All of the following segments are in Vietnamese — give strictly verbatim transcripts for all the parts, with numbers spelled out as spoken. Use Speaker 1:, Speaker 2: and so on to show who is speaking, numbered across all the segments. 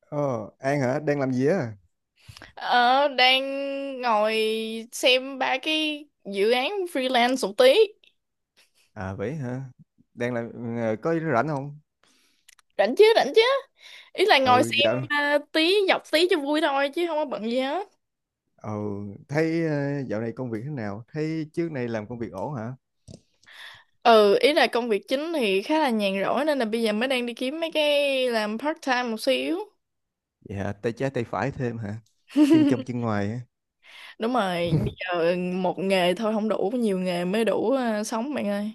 Speaker 1: Ờ, An hả? Đang làm gì á?
Speaker 2: Ờ, đang ngồi xem ba cái dự án freelance một tí.
Speaker 1: À vậy hả? Đang làm ờ, có rảnh không?
Speaker 2: Rảnh chứ, rảnh chứ. Ý là ngồi
Speaker 1: Ừ
Speaker 2: xem
Speaker 1: dạo
Speaker 2: à, tí, dọc tí cho vui thôi chứ không có bận gì hết.
Speaker 1: ừ thấy ờ, dạo này công việc thế nào? Thấy trước này làm công việc ổn hả?
Speaker 2: Ừ, ý là công việc chính thì khá là nhàn rỗi nên là bây giờ mới đang đi kiếm mấy cái làm part time một xíu.
Speaker 1: Vậy hả? Tay trái tay phải thêm hả? Chân trong chân ngoài hả?
Speaker 2: Đúng rồi, bây giờ một nghề thôi không đủ, nhiều nghề mới đủ à, sống bạn ơi.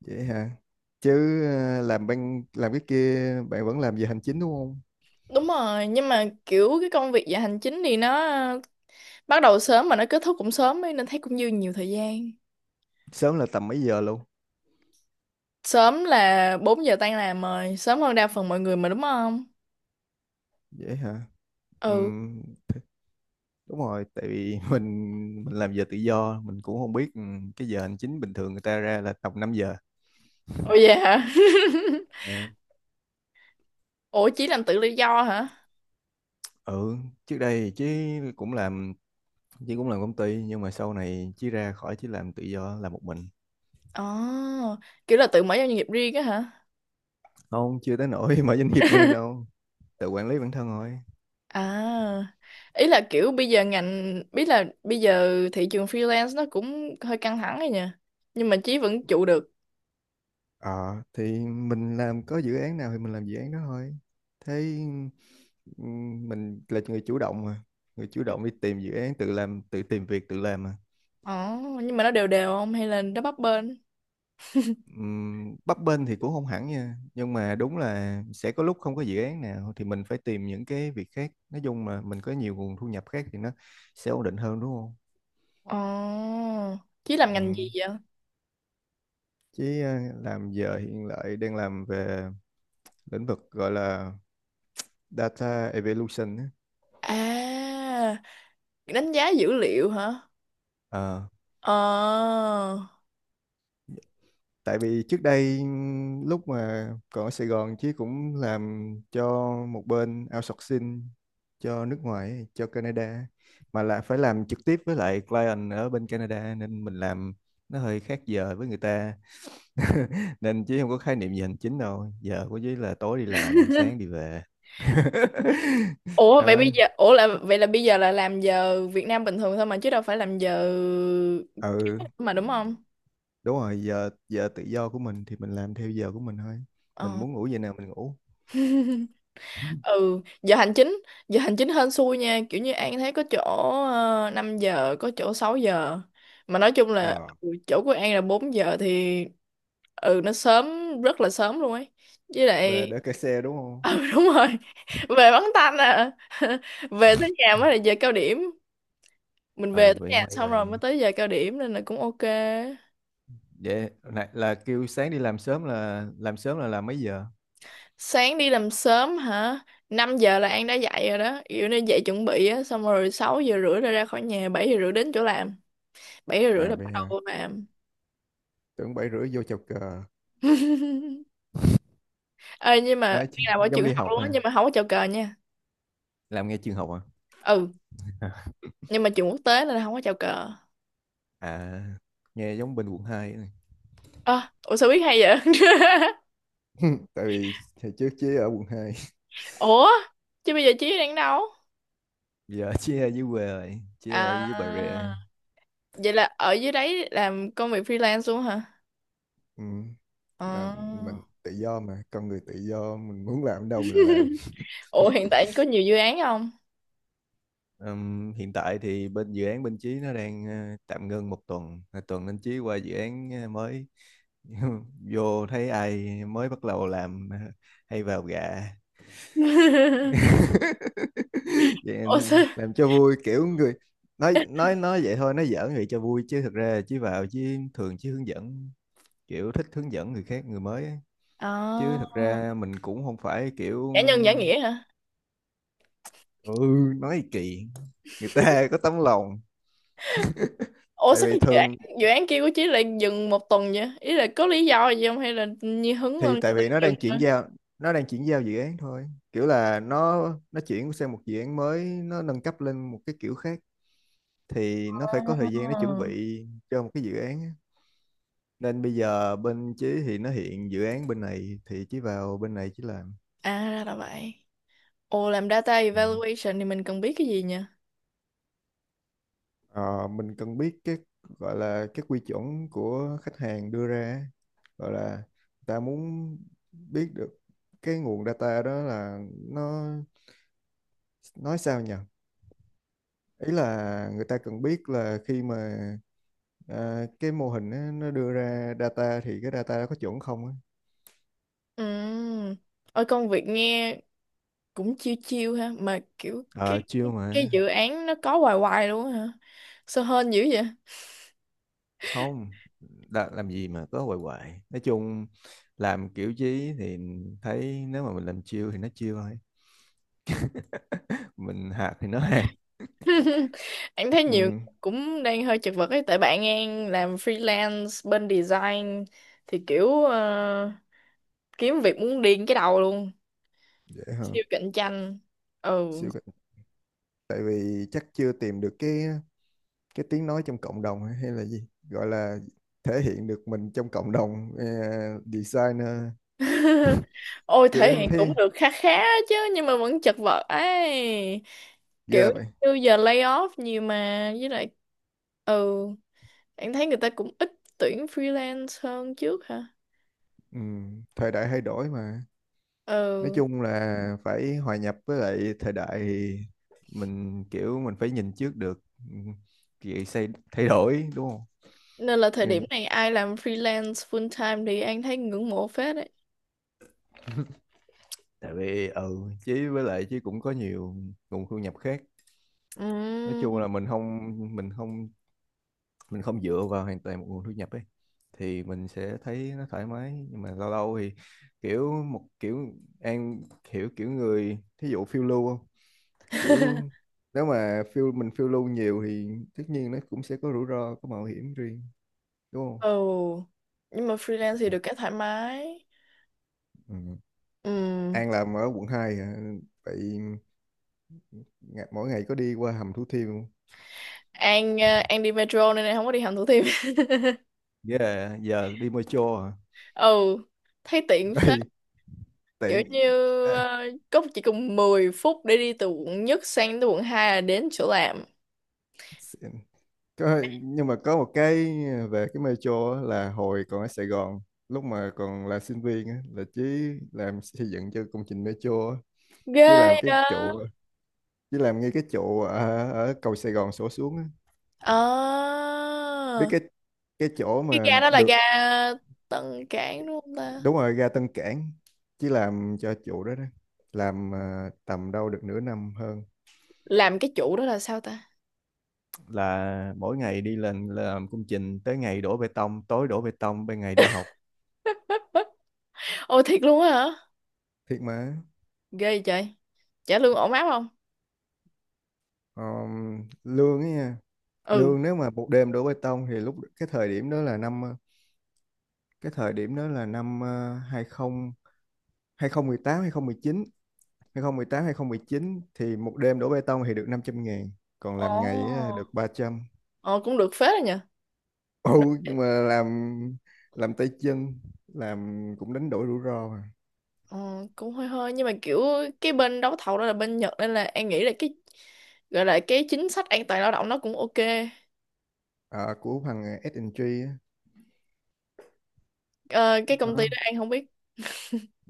Speaker 1: Vậy hả? Chứ ờ, làm bên làm cái kia bạn vẫn làm về hành chính đúng không?
Speaker 2: Đúng rồi, nhưng mà kiểu cái công việc dạ hành chính thì nó à, bắt đầu sớm mà nó kết thúc cũng sớm ấy, nên thấy cũng dư nhiều thời gian.
Speaker 1: Sớm là tầm mấy giờ luôn?
Speaker 2: Sớm là bốn giờ tan làm rồi, sớm hơn đa phần mọi người mà đúng không?
Speaker 1: Vậy hả?
Speaker 2: Ừ.
Speaker 1: Ừm, Đúng rồi, tại vì mình mình làm giờ tự do, mình cũng không biết ừ, cái giờ hành chính bình thường người ta ra là tầm năm giờ.
Speaker 2: Ồ vậy hả? Ủa chỉ làm tự do do hả?
Speaker 1: ừ trước đây chứ cũng làm chứ cũng làm công ty nhưng mà sau này chí ra khỏi, chí làm tự do làm một mình.
Speaker 2: Ồ, kiểu là tự mở ra doanh nghiệp riêng á hả?
Speaker 1: Không, chưa tới nỗi mở doanh nghiệp riêng đâu. Tự quản lý bản thân thôi.
Speaker 2: À, ý là kiểu bây giờ ngành, biết là bây giờ thị trường freelance nó cũng hơi căng thẳng rồi nha. Nhưng mà Chí vẫn trụ được.
Speaker 1: Ờ thì mình làm có dự án nào thì mình làm dự án đó thôi. Thế ừm, mình là người chủ động mà, người chủ động đi tìm dự án, tự làm tự tìm việc tự làm mà.
Speaker 2: Ồ, nhưng mà nó đều đều không hay là nó bấp bênh?
Speaker 1: Ừm, bấp bênh thì cũng không hẳn nha, nhưng mà đúng là sẽ có lúc không có dự án nào thì mình phải tìm những cái việc khác, nói chung mà mình có nhiều nguồn thu nhập khác thì nó sẽ ổn định hơn đúng không?
Speaker 2: Ồ, Chí làm ngành gì
Speaker 1: Ừm,
Speaker 2: vậy?
Speaker 1: chứ ờ, làm giờ hiện lại đang làm về lĩnh vực gọi là data evolution á.
Speaker 2: À, đánh giá dữ liệu hả?
Speaker 1: Ờ.
Speaker 2: Ờ.
Speaker 1: Tại vì trước đây lúc mà còn ở Sài Gòn, Chí cũng làm cho một bên outsourcing cho nước ngoài, cho Canada, mà là phải làm trực tiếp với lại client ở bên Canada nên mình làm nó hơi khác giờ với người ta. Nên Chí không có khái niệm gì hành chính đâu, giờ của Chí là tối đi làm sáng đi về.
Speaker 2: Ủa vậy
Speaker 1: đó
Speaker 2: bây giờ ủa là vậy là bây giờ là làm giờ Việt Nam bình thường thôi mà chứ đâu phải làm giờ
Speaker 1: ừ
Speaker 2: mà đúng không?
Speaker 1: đúng rồi, giờ giờ tự do của mình thì mình làm theo giờ của mình thôi. Mình
Speaker 2: Ờ.
Speaker 1: muốn ngủ giờ nào mình ngủ.
Speaker 2: Ừ, giờ hành chính, giờ hành chính hên xui nha, kiểu như An thấy có chỗ uh, năm giờ, có chỗ sáu giờ. Mà nói chung là
Speaker 1: ờ
Speaker 2: ừ, chỗ của An là bốn giờ thì ừ nó sớm rất là sớm luôn ấy. Với
Speaker 1: về
Speaker 2: lại
Speaker 1: để cày xe đúng không?
Speaker 2: ừ đúng rồi. Về bắn tanh à. Về tới nhà
Speaker 1: Ừ,
Speaker 2: mới là giờ cao điểm. Mình về
Speaker 1: ừ,
Speaker 2: tới
Speaker 1: vậy
Speaker 2: nhà
Speaker 1: mày
Speaker 2: xong rồi
Speaker 1: ơi.
Speaker 2: mới tới giờ cao điểm nên là cũng ok.
Speaker 1: Vậy là, là kêu sáng đi làm sớm, là làm sớm là làm mấy giờ?
Speaker 2: Sáng đi làm sớm hả? Năm giờ là An đã dậy rồi đó. Kiểu nên dậy chuẩn bị á, xong rồi sáu giờ rưỡi là ra khỏi nhà, bảy giờ rưỡi đến chỗ làm. Bảy giờ rưỡi
Speaker 1: À
Speaker 2: là
Speaker 1: vậy
Speaker 2: bắt đầu
Speaker 1: hả?
Speaker 2: vô làm.
Speaker 1: Tưởng bảy rưỡi vô chào cờ.
Speaker 2: Ê, nhưng mà An
Speaker 1: Nói chứ,
Speaker 2: làm ở
Speaker 1: giống
Speaker 2: trường
Speaker 1: đi
Speaker 2: học
Speaker 1: học
Speaker 2: luôn á,
Speaker 1: ha.
Speaker 2: nhưng mà không có chào cờ nha.
Speaker 1: Làm nghe trường học à?
Speaker 2: Ừ, nhưng mà trường quốc tế nên là không có chào cờ.
Speaker 1: À, nghe giống bên quận hai này.
Speaker 2: Ơ, ủa sao biết hay vậy?
Speaker 1: Tại vì hồi trước chứ ở quận hai.
Speaker 2: Ủa, chứ bây giờ Chí đang đâu?
Speaker 1: Giờ chứ ở dưới quê rồi, chứ ở
Speaker 2: À,
Speaker 1: dưới Bà Rịa rồi.
Speaker 2: vậy là ở dưới đấy làm công việc freelance luôn hả?
Speaker 1: ừ, làm
Speaker 2: Ờ.
Speaker 1: mình tự do mà, con người tự do mình muốn làm đâu mình làm.
Speaker 2: Ủa hiện tại có nhiều dự án không?
Speaker 1: Ừm, hiện tại thì bên dự án bên Chí nó đang ờ, tạm ngưng một tuần. Là tuần anh Chí qua dự án ờ, mới vô thấy ai mới bắt đầu làm ờ, hay vào gạ. Vậy
Speaker 2: Ủa
Speaker 1: anh
Speaker 2: sao
Speaker 1: làm cho vui, kiểu người nói nói nói vậy thôi, nói giỡn vậy cho vui chứ thực ra Chí vào, chứ thường Chí hướng dẫn, kiểu thích hướng dẫn người khác, người mới á. Chứ
Speaker 2: À,
Speaker 1: thực ra mình cũng không phải kiểu.
Speaker 2: giả nhân giả nghĩa hả?
Speaker 1: Ừ nói kỳ, người ta có tấm lòng.
Speaker 2: Ủa
Speaker 1: Tại
Speaker 2: sao
Speaker 1: vì
Speaker 2: cái dự án
Speaker 1: thường
Speaker 2: dự án kia của chị lại dừng một tuần vậy? Ý là có lý do gì không hay là như hứng lên
Speaker 1: thì
Speaker 2: người
Speaker 1: tại
Speaker 2: ta
Speaker 1: vì nó
Speaker 2: dừng
Speaker 1: đang
Speaker 2: thôi?
Speaker 1: chuyển giao nó đang chuyển giao dự án thôi, kiểu là nó nó chuyển sang một dự án mới, nó nâng cấp lên một cái kiểu khác thì nó phải
Speaker 2: À,
Speaker 1: có thời gian nó chuẩn bị cho một cái dự án á. Nên bây giờ bên Chí thì nó hiện dự án bên này thì Chí vào bên này Chí làm.
Speaker 2: à ra là vậy. Ồ làm data
Speaker 1: Ừ.
Speaker 2: evaluation thì mình cần biết cái gì nhỉ?
Speaker 1: Ờ, mình cần biết cái gọi là cái quy chuẩn của khách hàng đưa ra á. Gọi là người ta muốn biết được cái nguồn data đó là nó, nói sao nhỉ, ý là người ta cần biết là khi mà à, cái mô hình á, nó đưa ra data thì cái data đó có chuẩn không á.
Speaker 2: Ừ. Ôi công việc nghe cũng chiêu chiêu ha mà kiểu cái
Speaker 1: Ờ, chưa
Speaker 2: cái
Speaker 1: mà.
Speaker 2: dự án nó có hoài hoài luôn á hả? Sao hên dữ vậy?
Speaker 1: Không, đã, làm gì mà có hoài hoài. Nói chung, làm kiểu chí thì thấy nếu mà mình làm chiêu thì nó chiêu thôi. Mình hạt thì nó hạt.
Speaker 2: Em thấy nhiều người
Speaker 1: ừ,
Speaker 2: cũng đang hơi chật vật ấy tại bạn em làm freelance bên design thì kiểu ờ, kiếm việc muốn điên cái đầu luôn,
Speaker 1: dễ hả?
Speaker 2: siêu cạnh tranh. Ừ.
Speaker 1: siêu cái- Tại vì chắc chưa tìm được cái cái tiếng nói trong cộng đồng, hay hay là gì, gọi là thể hiện được mình trong cộng đồng ờ, designer,
Speaker 2: Ôi thể
Speaker 1: kia
Speaker 2: hiện
Speaker 1: thế.
Speaker 2: cũng được khá khá chứ nhưng mà vẫn chật vật ấy, kiểu
Speaker 1: Ghê vậy.
Speaker 2: như giờ lay off nhiều mà với lại ừ em thấy người ta cũng ít tuyển freelance hơn trước hả.
Speaker 1: Ừ, thời đại thay đổi mà. nói
Speaker 2: Ừ.
Speaker 1: chung Ừ. là phải hòa nhập với lại thời đại thì mình kiểu mình phải nhìn trước được, ừ, vậy xây thay đổi đúng không?
Speaker 2: Nên là thời
Speaker 1: Ừ.
Speaker 2: điểm này ai làm freelance full time thì anh thấy ngưỡng mộ phết đấy.
Speaker 1: Tại vì ừ chứ với lại, chứ cũng có nhiều nguồn thu nhập khác. Nói chung
Speaker 2: Ừm.
Speaker 1: là mình không mình không mình không dựa vào hoàn toàn một nguồn thu nhập ấy thì mình sẽ thấy nó thoải mái, nhưng mà lâu lâu thì kiểu một kiểu, an hiểu kiểu người thí dụ phiêu lưu, kiểu nếu mà phiêu mình phiêu lưu nhiều thì tất nhiên nó cũng sẽ có rủi ro, có mạo hiểm riêng đúng không?
Speaker 2: Ồ. Nhưng mà freelance thì được cái thoải mái.
Speaker 1: Ừ.
Speaker 2: Ừm.
Speaker 1: An làm ở quận hai hả? Vậy ngày- mỗi ngày có đi qua hầm Thủ Thiêm không?
Speaker 2: An ờ, An đi metro nên em không có đi hầm Thủ Thiêm.
Speaker 1: Yeah, giờ đi metro à?
Speaker 2: Ồ. Thấy tiện phết.
Speaker 1: Ê,
Speaker 2: Kiểu
Speaker 1: tiện.
Speaker 2: như
Speaker 1: À,
Speaker 2: ờ, có chỉ cần mười phút để đi từ quận nhất sang tới quận hai là đến chỗ làm.
Speaker 1: xịn. Có, nhưng mà có một cái về cái metro á, là hồi còn ở Sài Gòn lúc mà còn là sinh viên á, là Chí làm xây dựng cho công trình metro á. Chí làm
Speaker 2: Ghê
Speaker 1: cái
Speaker 2: đó.
Speaker 1: trụ Chí làm ngay cái trụ ở, ở cầu Sài Gòn sổ xuống á.
Speaker 2: Ờ.
Speaker 1: Biết cái cái chỗ
Speaker 2: Cái
Speaker 1: mà
Speaker 2: ga đó là ga
Speaker 1: được.
Speaker 2: Tân Cảng đúng không ta?
Speaker 1: Đúng rồi, ra Tân Cảng. Chỉ làm cho chủ đó đó, làm ờ, tầm đâu được nửa năm hơn.
Speaker 2: Làm cái chủ đó là sao ta?
Speaker 1: Là mỗi ngày đi lên làm công trình, tới ngày đổ bê tông tối đổ bê tông, ban ngày đi học.
Speaker 2: Ôi thiệt luôn á hả?
Speaker 1: Thiệt mà.
Speaker 2: Ghê vậy trời. Trả lương ổn áp không?
Speaker 1: Ờm, lương ấy nha,
Speaker 2: Ừ.
Speaker 1: lương nếu mà một đêm đổ bê tông thì lúc cái thời điểm đó là năm ờ, cái thời điểm đó là năm hai hai hai, hai không một tám hai không một chín, uh, tám hai 2019 hai không một tám chín, thì một đêm đổ bê tông thì được năm trăm ngàn. Còn làm ngày á,
Speaker 2: Ồ.
Speaker 1: được ba trăm.
Speaker 2: Ờ cũng được phết rồi nhờ.
Speaker 1: ừ
Speaker 2: Đ-
Speaker 1: nhưng mà làm làm tay chân, làm cũng đánh đổi rủi ro mà.
Speaker 2: Ờ, cũng hơi hơi nhưng mà kiểu cái bên đấu thầu đó là bên Nhật nên là An nghĩ là cái gọi là cái chính sách an toàn lao động nó cũng ok.
Speaker 1: Ờ, của thằng ét và giê á,
Speaker 2: Ờ, cái công ty
Speaker 1: đó.
Speaker 2: đó An không biết.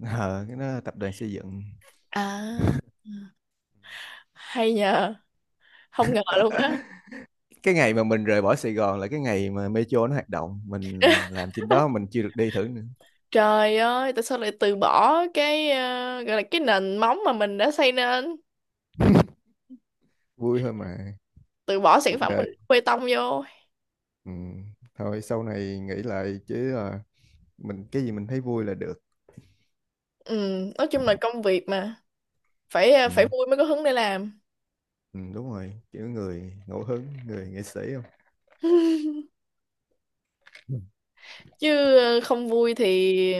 Speaker 1: Ờ, cái đó là tập đoàn xây dựng.
Speaker 2: À. Hay nhờ. Không ngờ luôn á.
Speaker 1: Cái ngày mà mình rời bỏ Sài Gòn là cái ngày mà Metro nó hoạt động, mình làm trên đó mình chưa được đi thử nữa.
Speaker 2: Trời ơi, tại sao lại từ bỏ cái ờ, gọi là cái nền móng mà mình đã xây nên,
Speaker 1: Vui thôi mà,
Speaker 2: từ bỏ sản
Speaker 1: cuộc
Speaker 2: phẩm mình
Speaker 1: đời.
Speaker 2: đổ bê tông vô.
Speaker 1: Ừ. Thôi sau này nghĩ lại chứ, à, mình cái gì mình thấy vui là được.
Speaker 2: Ừ, nói chung là công việc mà. Phải ờ,
Speaker 1: Ừ.
Speaker 2: phải vui mới có hứng để làm
Speaker 1: Ừ, đúng rồi, kiểu người ngẫu hứng người nghệ sĩ không? Ừ.
Speaker 2: chứ ờ, không vui thì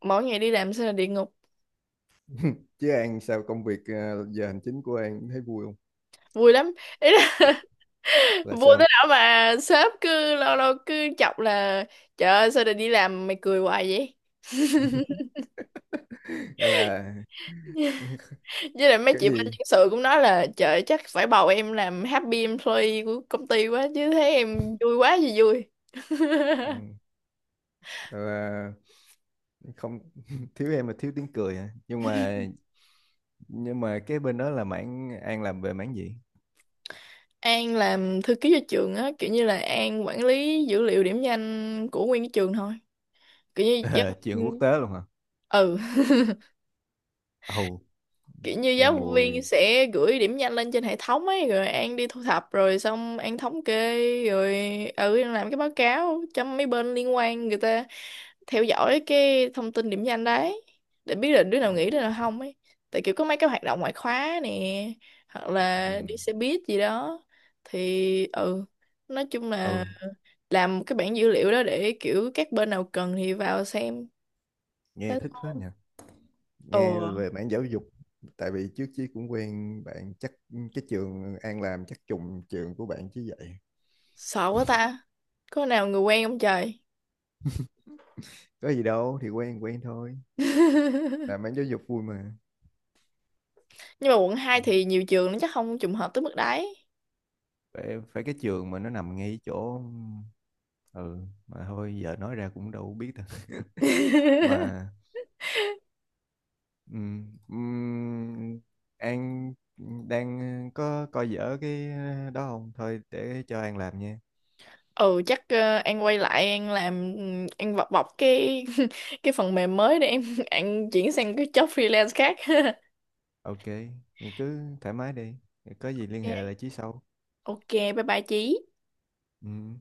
Speaker 2: mỗi ngày đi làm sẽ là địa ngục.
Speaker 1: Chứ An sao công việc à, giờ hành chính của An thấy vui không?
Speaker 2: Vui lắm, ý là
Speaker 1: Là
Speaker 2: vui
Speaker 1: sao?
Speaker 2: tới đó mà sếp cứ lâu lâu cứ chọc là trời ơi sao lại đi làm mày cười hoài vậy,
Speaker 1: Gọi là
Speaker 2: với lại mấy
Speaker 1: cái
Speaker 2: chị bên
Speaker 1: gì.
Speaker 2: nhân sự cũng nói là trời ơi, chắc phải bầu em làm happy employee của công ty quá chứ thấy em vui quá gì vui.
Speaker 1: Ừ, gọi là không thiếu em là thiếu tiếng cười hả? Nhưng mà nhưng mà cái bên đó là mảng An làm về mảng gì?
Speaker 2: An làm thư ký cho trường á kiểu như là An quản lý dữ liệu điểm danh của nguyên cái trường thôi, kiểu như
Speaker 1: Ờ, chuyện quốc tế luôn hả?
Speaker 2: ừ
Speaker 1: Ồ.
Speaker 2: kiểu như
Speaker 1: Nghe
Speaker 2: giáo
Speaker 1: mùi.
Speaker 2: viên sẽ gửi điểm danh lên trên hệ thống ấy rồi An đi thu thập rồi xong An thống kê rồi ừ An làm cái báo cáo cho mấy bên liên quan người ta theo dõi cái thông tin điểm danh đấy để biết là đứa nào nghỉ đứa nào không ấy, tại kiểu có mấy cái hoạt động ngoại khóa nè hoặc
Speaker 1: Ừ,
Speaker 2: là đi xe buýt gì đó thì ừ nói chung là
Speaker 1: ừ.
Speaker 2: làm một cái bảng dữ liệu đó để kiểu các bên nào cần thì vào xem.
Speaker 1: Nghe
Speaker 2: Thế.
Speaker 1: thích phết nhỉ.
Speaker 2: Ồ.
Speaker 1: Nghe về mảng giáo dục. Tại vì trước chí cũng quen bạn, chắc cái trường An làm chắc trùng trường của bạn chứ vậy.
Speaker 2: Sợ quá ta, có nào người quen không trời.
Speaker 1: Có gì đâu, thì quen quen thôi.
Speaker 2: Nhưng
Speaker 1: Làm mảng giáo dục vui mà.
Speaker 2: mà quận hai
Speaker 1: Ừ.
Speaker 2: thì nhiều trường nó chắc không trùng hợp tới mức đấy.
Speaker 1: Phải, phải cái trường mà nó nằm ngay chỗ. Ừ. Mà thôi giờ nói ra cũng đâu biết đâu. mà ừm, ừm, An đang có coi dở cái đó không, thôi để cho An làm nha.
Speaker 2: Ừ chắc ờ, An quay lại An làm, An bọc bọc cái cái phần mềm mới để em An chuyển sang cái job freelance khác.
Speaker 1: Ok, thì cứ thoải mái đi, có gì liên
Speaker 2: Ok.
Speaker 1: hệ lại Chí sau.
Speaker 2: Ok bye bye Chí.
Speaker 1: Ừm.